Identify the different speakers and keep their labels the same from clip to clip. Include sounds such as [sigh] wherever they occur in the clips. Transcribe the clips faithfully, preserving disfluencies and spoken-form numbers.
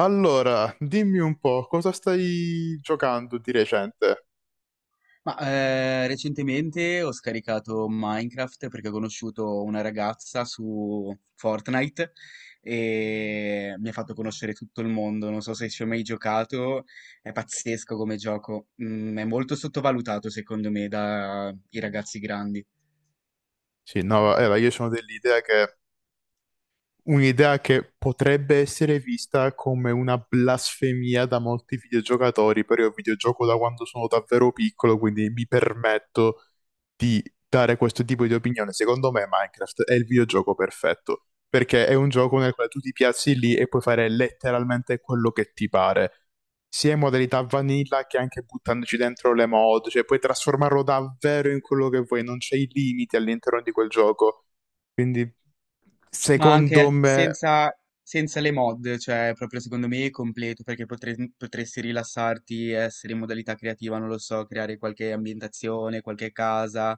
Speaker 1: Allora, dimmi un po', cosa stai giocando di recente?
Speaker 2: Ma eh, recentemente ho scaricato Minecraft perché ho conosciuto una ragazza su Fortnite e mi ha fatto conoscere tutto il mondo. Non so se ci ho mai giocato, è pazzesco come gioco. Mm, è molto sottovalutato secondo me dai ragazzi grandi.
Speaker 1: Sì, no, era, io sono dell'idea che Un'idea che potrebbe essere vista come una blasfemia da molti videogiocatori, però io videogioco da quando sono davvero piccolo, quindi mi permetto di dare questo tipo di opinione. Secondo me Minecraft è il videogioco perfetto, perché è un gioco nel quale tu ti piazzi lì e puoi fare letteralmente quello che ti pare, sia in modalità vanilla che anche buttandoci dentro le mod, cioè puoi trasformarlo davvero in quello che vuoi, non c'è i limiti all'interno di quel gioco. Quindi,
Speaker 2: Ma
Speaker 1: secondo
Speaker 2: anche
Speaker 1: me,
Speaker 2: senza, senza le mod, cioè proprio secondo me è completo perché potre- potresti rilassarti, essere in modalità creativa, non lo so, creare qualche ambientazione, qualche casa,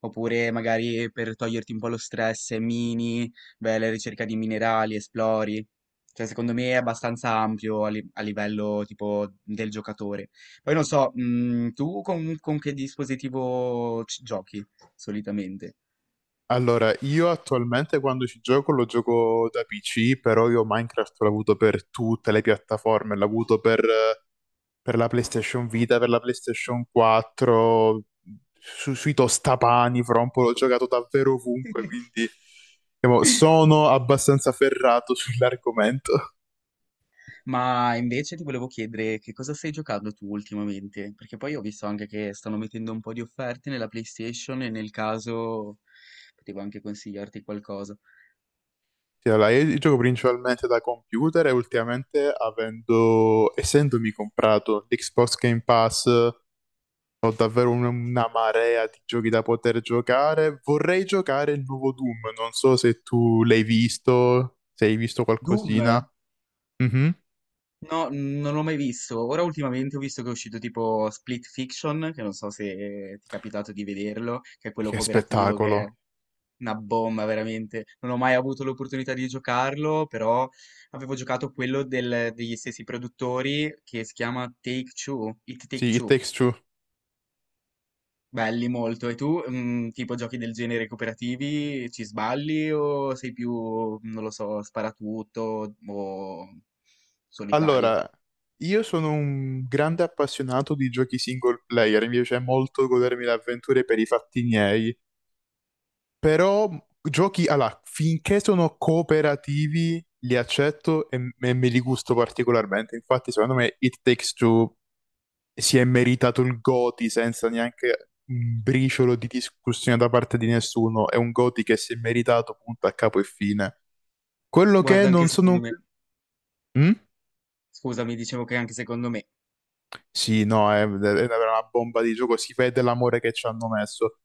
Speaker 2: oppure magari per toglierti un po' lo stress, mini, beh, la ricerca di minerali, esplori. Cioè secondo me è abbastanza ampio a, li- a livello tipo del giocatore. Poi non so, mm, tu con, con che dispositivo ci- giochi solitamente?
Speaker 1: allora, io attualmente quando ci gioco lo gioco da P C, però io Minecraft l'ho avuto per tutte le piattaforme, l'ho avuto per, per la PlayStation Vita, per la PlayStation quattro, su- sui tostapani, fra un po' l'ho giocato davvero ovunque, quindi diciamo, sono abbastanza ferrato [laughs] sull'argomento.
Speaker 2: Ma invece ti volevo chiedere che cosa stai giocando tu ultimamente? Perché poi ho visto anche che stanno mettendo un po' di offerte nella PlayStation e nel caso potevo anche consigliarti qualcosa.
Speaker 1: Sì, allora, io gioco principalmente da computer e ultimamente avendo, essendomi comprato l'Xbox Game Pass. Ho davvero un- una marea di giochi da poter giocare. Vorrei giocare il nuovo Doom. Non so se tu l'hai visto, se hai visto
Speaker 2: Doom?
Speaker 1: qualcosina. Mhm.
Speaker 2: No, non l'ho mai visto. Ora ultimamente ho visto che è uscito tipo Split Fiction, che non so se ti è capitato di vederlo, che è quello
Speaker 1: Che
Speaker 2: cooperativo che è
Speaker 1: spettacolo.
Speaker 2: una bomba veramente. Non ho mai avuto l'opportunità di giocarlo, però avevo giocato quello del- degli stessi produttori che si chiama Take Two, It Take
Speaker 1: Sì, It
Speaker 2: Two.
Speaker 1: Takes Two.
Speaker 2: Belli molto. E tu, mm, tipo giochi del genere cooperativi, ci sballi o sei più, non lo so, sparatutto o solitario?
Speaker 1: Allora, io sono un grande appassionato di giochi single player. Mi piace molto godermi le avventure per i fatti miei. Però giochi, allora, finché sono cooperativi, li accetto e, e me li gusto particolarmente. Infatti, secondo me, It Takes Two si è meritato il Goti senza neanche un briciolo di discussione da parte di nessuno. È un Goti che si è meritato punto a capo e fine. Quello che
Speaker 2: Guarda, anche
Speaker 1: non sono... un-
Speaker 2: secondo me,
Speaker 1: Mm?
Speaker 2: scusami, dicevo che anche secondo me,
Speaker 1: Sì, no, è, è una bomba di gioco, si vede l'amore che ci hanno messo.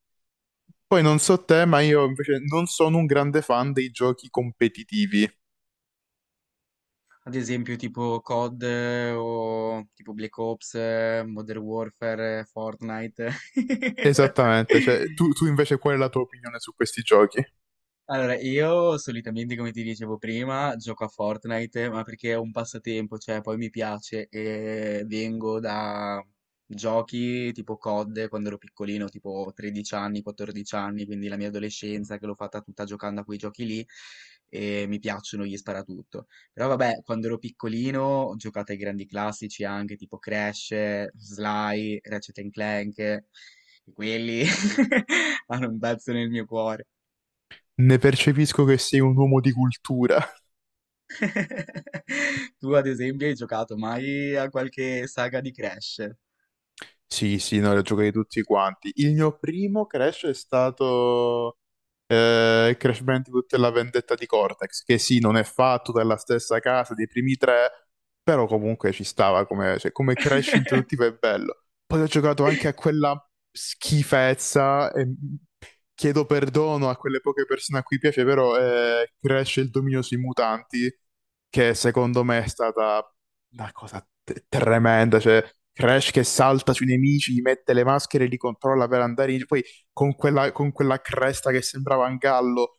Speaker 1: Poi non so te, ma io invece non sono un grande fan dei giochi competitivi.
Speaker 2: ad esempio tipo C O D eh, o tipo Black Ops, eh, Modern Warfare, eh, Fortnite.
Speaker 1: Esattamente, cioè tu, tu
Speaker 2: [laughs]
Speaker 1: invece qual è la tua opinione su questi giochi?
Speaker 2: Allora, io solitamente, come ti dicevo prima, gioco a Fortnite, ma perché è un passatempo, cioè poi mi piace e vengo da giochi tipo C O D quando ero piccolino, tipo tredici anni, quattordici anni, quindi la mia adolescenza che l'ho fatta tutta giocando a quei giochi lì e mi piacciono gli sparatutto. Però vabbè, quando ero piccolino ho giocato ai grandi classici anche tipo Crash, Sly, Ratchet and Clank, e quelli [laughs] hanno un pezzo nel mio cuore.
Speaker 1: Ne percepisco che sei un uomo di cultura.
Speaker 2: [laughs] Tu ad esempio hai giocato mai a qualche saga di Crash?
Speaker 1: Sì, sì, no, li ho giocati tutti quanti. Il mio primo Crash è stato eh, Crash Bandicoot e la vendetta di Cortex, che sì, non è fatto dalla stessa casa dei primi tre, però comunque ci stava come, cioè, come Crash introduttivo è bello. Poi ho giocato anche a quella schifezza e chiedo perdono a quelle poche persone a cui piace, però eh, Crash e il dominio sui mutanti, che secondo me è stata una cosa te- tremenda, cioè Crash che salta sui nemici, gli mette le maschere, li controlla per andare in... Poi con quella, con quella cresta che sembrava un gallo.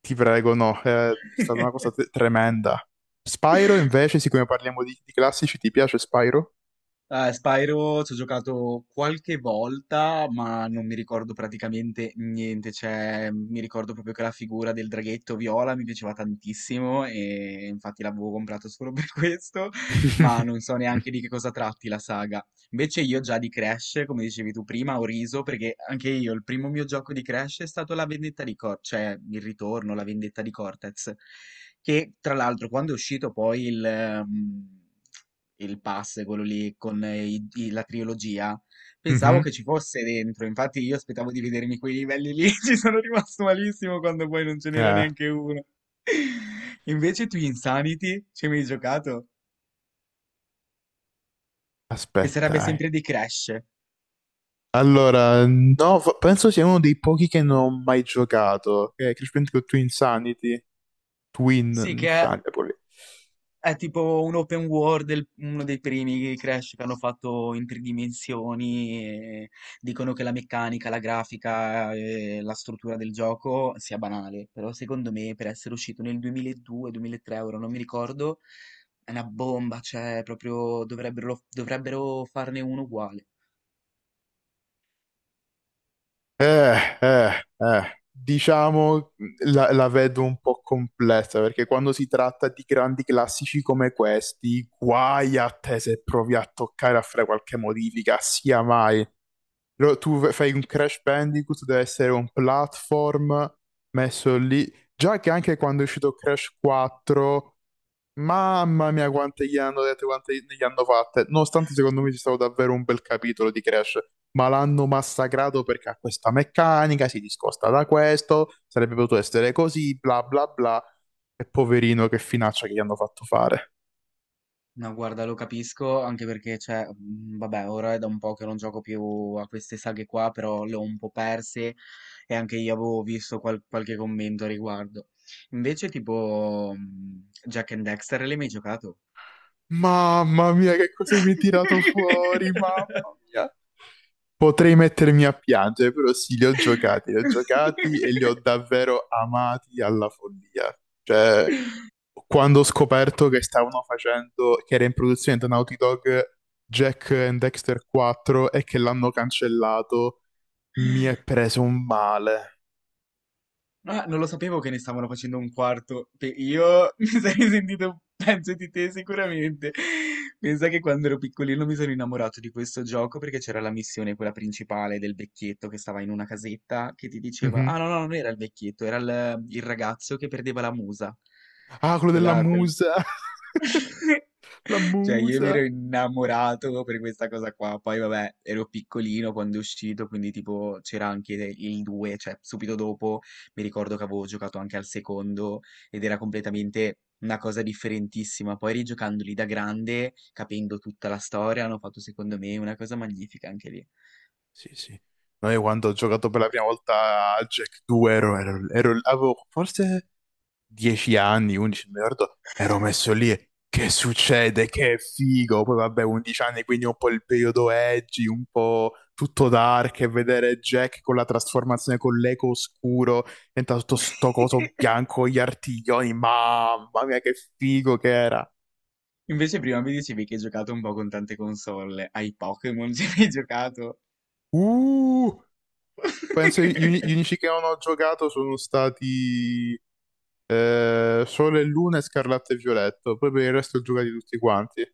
Speaker 1: Ti prego, no, eh, è stata una cosa te-
Speaker 2: [laughs]
Speaker 1: tremenda. Spyro, invece, siccome parliamo di, di classici, ti piace Spyro?
Speaker 2: Eh, Spyro ci ho giocato qualche volta, ma non mi ricordo praticamente niente. Cioè, mi ricordo proprio che la figura del draghetto viola mi piaceva tantissimo e infatti l'avevo comprato solo per [laughs] questo, ma
Speaker 1: [laughs]
Speaker 2: non so neanche di che cosa tratti la saga. Invece io già di Crash, come dicevi tu prima, ho riso perché anche io il primo mio gioco di Crash è stato La vendetta di Cortez, cioè il ritorno, La vendetta di Cortez, che tra l'altro quando è uscito poi il... ehm, il pass, quello lì con eh, i- i- la trilogia, pensavo
Speaker 1: Mhm.
Speaker 2: che ci fosse dentro, infatti io aspettavo di vedermi quei livelli lì, [laughs] ci sono rimasto malissimo quando poi non ce n'era
Speaker 1: Eh,
Speaker 2: neanche uno. [laughs] Invece tu Insanity, ci hai mai giocato? Che
Speaker 1: aspetta.
Speaker 2: sarebbe
Speaker 1: eh.
Speaker 2: sempre di Crash.
Speaker 1: Allora, no, fa- penso sia uno dei pochi che non ho mai giocato. Eh, Crash Bandicoot Twin Sanity. Twin
Speaker 2: Sì, che è
Speaker 1: Insanity, proprio lì.
Speaker 2: È tipo un open world, il- uno dei primi Crash che hanno fatto in tre dimensioni. E dicono che la meccanica, la grafica e la struttura del gioco sia banale, però secondo me per essere uscito nel duemiladue-duemilatré, ora non mi ricordo, è una bomba, cioè proprio dovrebbero, dovrebbero farne uno uguale.
Speaker 1: Eh, eh, eh. Diciamo la, la vedo un po' complessa perché quando si tratta di grandi classici come questi, guai a te se provi a toccare a fare qualche modifica, sia mai. Lo- tu v- fai un Crash Bandicoot, deve essere un platform messo lì. Già che anche quando è uscito Crash quattro, mamma mia, quante gli hanno dette, quante ne gli hanno fatte. Nonostante secondo me ci stato davvero un bel capitolo di Crash, ma l'hanno massacrato perché ha questa meccanica, si discosta da questo, sarebbe potuto essere così, bla bla bla. E poverino, che finaccia che gli hanno fatto fare.
Speaker 2: No, guarda, lo capisco, anche perché, cioè, mh, vabbè, ora è da un po' che non gioco più a queste saghe qua, però le ho un po' perse e anche io avevo visto qual- qualche commento a riguardo. Invece, tipo, mh, Jack and Dexter, l'hai mai giocato?
Speaker 1: Mamma mia, che cosa mi hai tirato fuori,
Speaker 2: [laughs]
Speaker 1: mamma mia. Potrei mettermi a piangere, però sì, li ho giocati, li ho giocati e li ho davvero amati alla follia. Cioè, quando ho scoperto che stavano facendo, che era in produzione da Naughty Dog Jack and Dexter quattro e che l'hanno cancellato, mi è preso un male.
Speaker 2: Ah, non lo sapevo che ne stavano facendo un quarto. Pe- Io [laughs] mi sarei sentito un pezzo di te sicuramente. Pensa che quando ero piccolino mi sono innamorato di questo gioco perché c'era la missione, quella principale del vecchietto che stava in una casetta che ti diceva:
Speaker 1: Mhm.
Speaker 2: Ah, no, no, non era il vecchietto, era il, il ragazzo che perdeva la musa.
Speaker 1: Ah, quello della
Speaker 2: Quella, quel-
Speaker 1: musa, [laughs]
Speaker 2: [laughs]
Speaker 1: la
Speaker 2: Cioè, io mi ero
Speaker 1: musa.
Speaker 2: innamorato per questa cosa qua. Poi, vabbè, ero piccolino quando è uscito, quindi tipo c'era anche il due, cioè subito dopo mi ricordo che avevo giocato anche al secondo ed era completamente una cosa differentissima. Poi rigiocandoli da grande, capendo tutta la storia, hanno fatto secondo me una cosa magnifica anche lì.
Speaker 1: Sì, sì. Noi quando ho giocato per la prima volta a Jack due ero, ero- ero- avevo forse dieci anni, undici, non mi ricordo, ero messo lì e che succede, che figo, poi vabbè undici anni quindi un po' il periodo edgy, un po' tutto dark e vedere Jack con la trasformazione con l'eco oscuro, diventa tutto sto
Speaker 2: [laughs]
Speaker 1: coso bianco, gli artiglioni, mamma mia che figo che era.
Speaker 2: Invece prima mi dicevi che hai giocato un po' con tante console. Ai Pokémon [laughs] ci hai giocato?
Speaker 1: Uh, penso gli, uni- gli
Speaker 2: [laughs]
Speaker 1: unici che non ho giocato sono stati eh, Sole e Luna e Scarlatto e Violetto, poi per il resto giocati tutti quanti.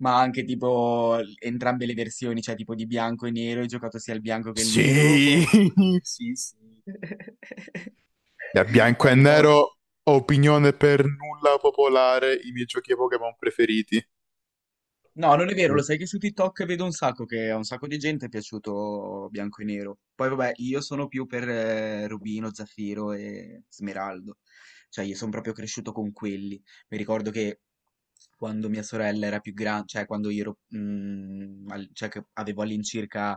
Speaker 2: Ma anche tipo l- entrambe le versioni, cioè tipo di bianco e nero, hai giocato sia il bianco che il nero?
Speaker 1: Sì, [laughs] sì, sì.
Speaker 2: [laughs]
Speaker 1: Da bianco e
Speaker 2: Hai paura?
Speaker 1: nero, opinione per nulla popolare, i miei giochi Pokémon preferiti.
Speaker 2: No, non è vero,
Speaker 1: Lo
Speaker 2: lo
Speaker 1: so.
Speaker 2: sai che su TikTok vedo un sacco che a un sacco di gente è piaciuto bianco e nero. Poi vabbè, io sono più per eh, Rubino, Zaffiro e Smeraldo. Cioè, io sono proprio cresciuto con quelli. Mi ricordo che quando mia sorella era più grande, cioè quando io ero, mm, al- cioè che avevo all'incirca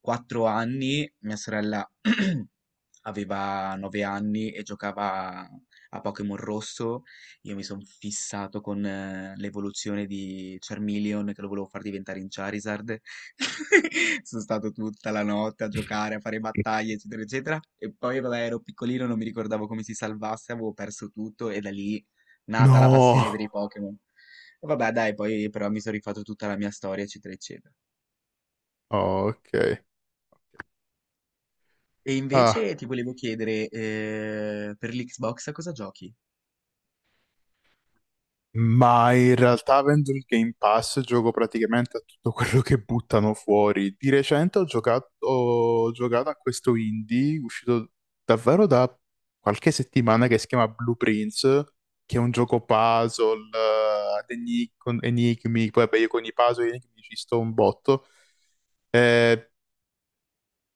Speaker 2: quattro anni, mia sorella [clears throat] aveva nove anni e giocava a Pokémon Rosso, io mi sono fissato con eh, l'evoluzione di Charmeleon che lo volevo far diventare in Charizard. [laughs] Sono stato tutta la notte a giocare, a fare battaglie, eccetera, eccetera. E poi, vabbè, ero piccolino, non mi ricordavo come si salvasse, avevo perso tutto e da lì nata la passione
Speaker 1: No!
Speaker 2: per i Pokémon. E vabbè, dai, poi però mi sono rifatto tutta la mia storia, eccetera, eccetera.
Speaker 1: Oh, ok.
Speaker 2: E
Speaker 1: Ah.
Speaker 2: invece ti volevo chiedere, eh, per l'Xbox a cosa giochi?
Speaker 1: Ma in realtà avendo il Game Pass gioco praticamente a tutto quello che buttano fuori. Di recente ho giocato, ho giocato a questo indie uscito davvero da qualche settimana che si chiama Blue Prince, che è un gioco puzzle, eh, ad enigmi, con enigmi, poi vabbè, io con i puzzle e gli enigmi ci sto un botto. Eh,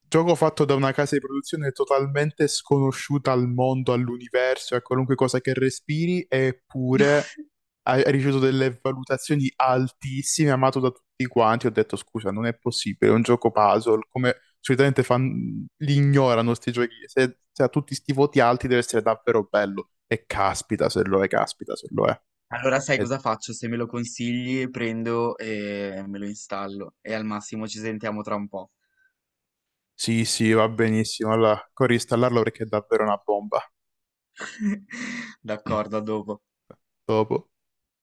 Speaker 1: Gioco fatto da una casa di produzione totalmente sconosciuta al mondo, all'universo, a qualunque cosa che respiri, eppure ha ha ricevuto delle valutazioni altissime, amato da tutti quanti. Ho detto, scusa, non è possibile, è un gioco puzzle, come solitamente fan- li ignorano sti giochi. Se, se ha tutti sti voti alti deve essere davvero bello. E caspita se lo è, caspita se lo è.
Speaker 2: Allora sai
Speaker 1: E-
Speaker 2: cosa faccio? Se me lo consigli, prendo e me lo installo e al massimo ci sentiamo tra un po'.
Speaker 1: sì, sì, va benissimo. Allora, corri installarlo perché è davvero una bomba.
Speaker 2: [laughs]
Speaker 1: Mm.
Speaker 2: D'accordo, a dopo.
Speaker 1: Dopo.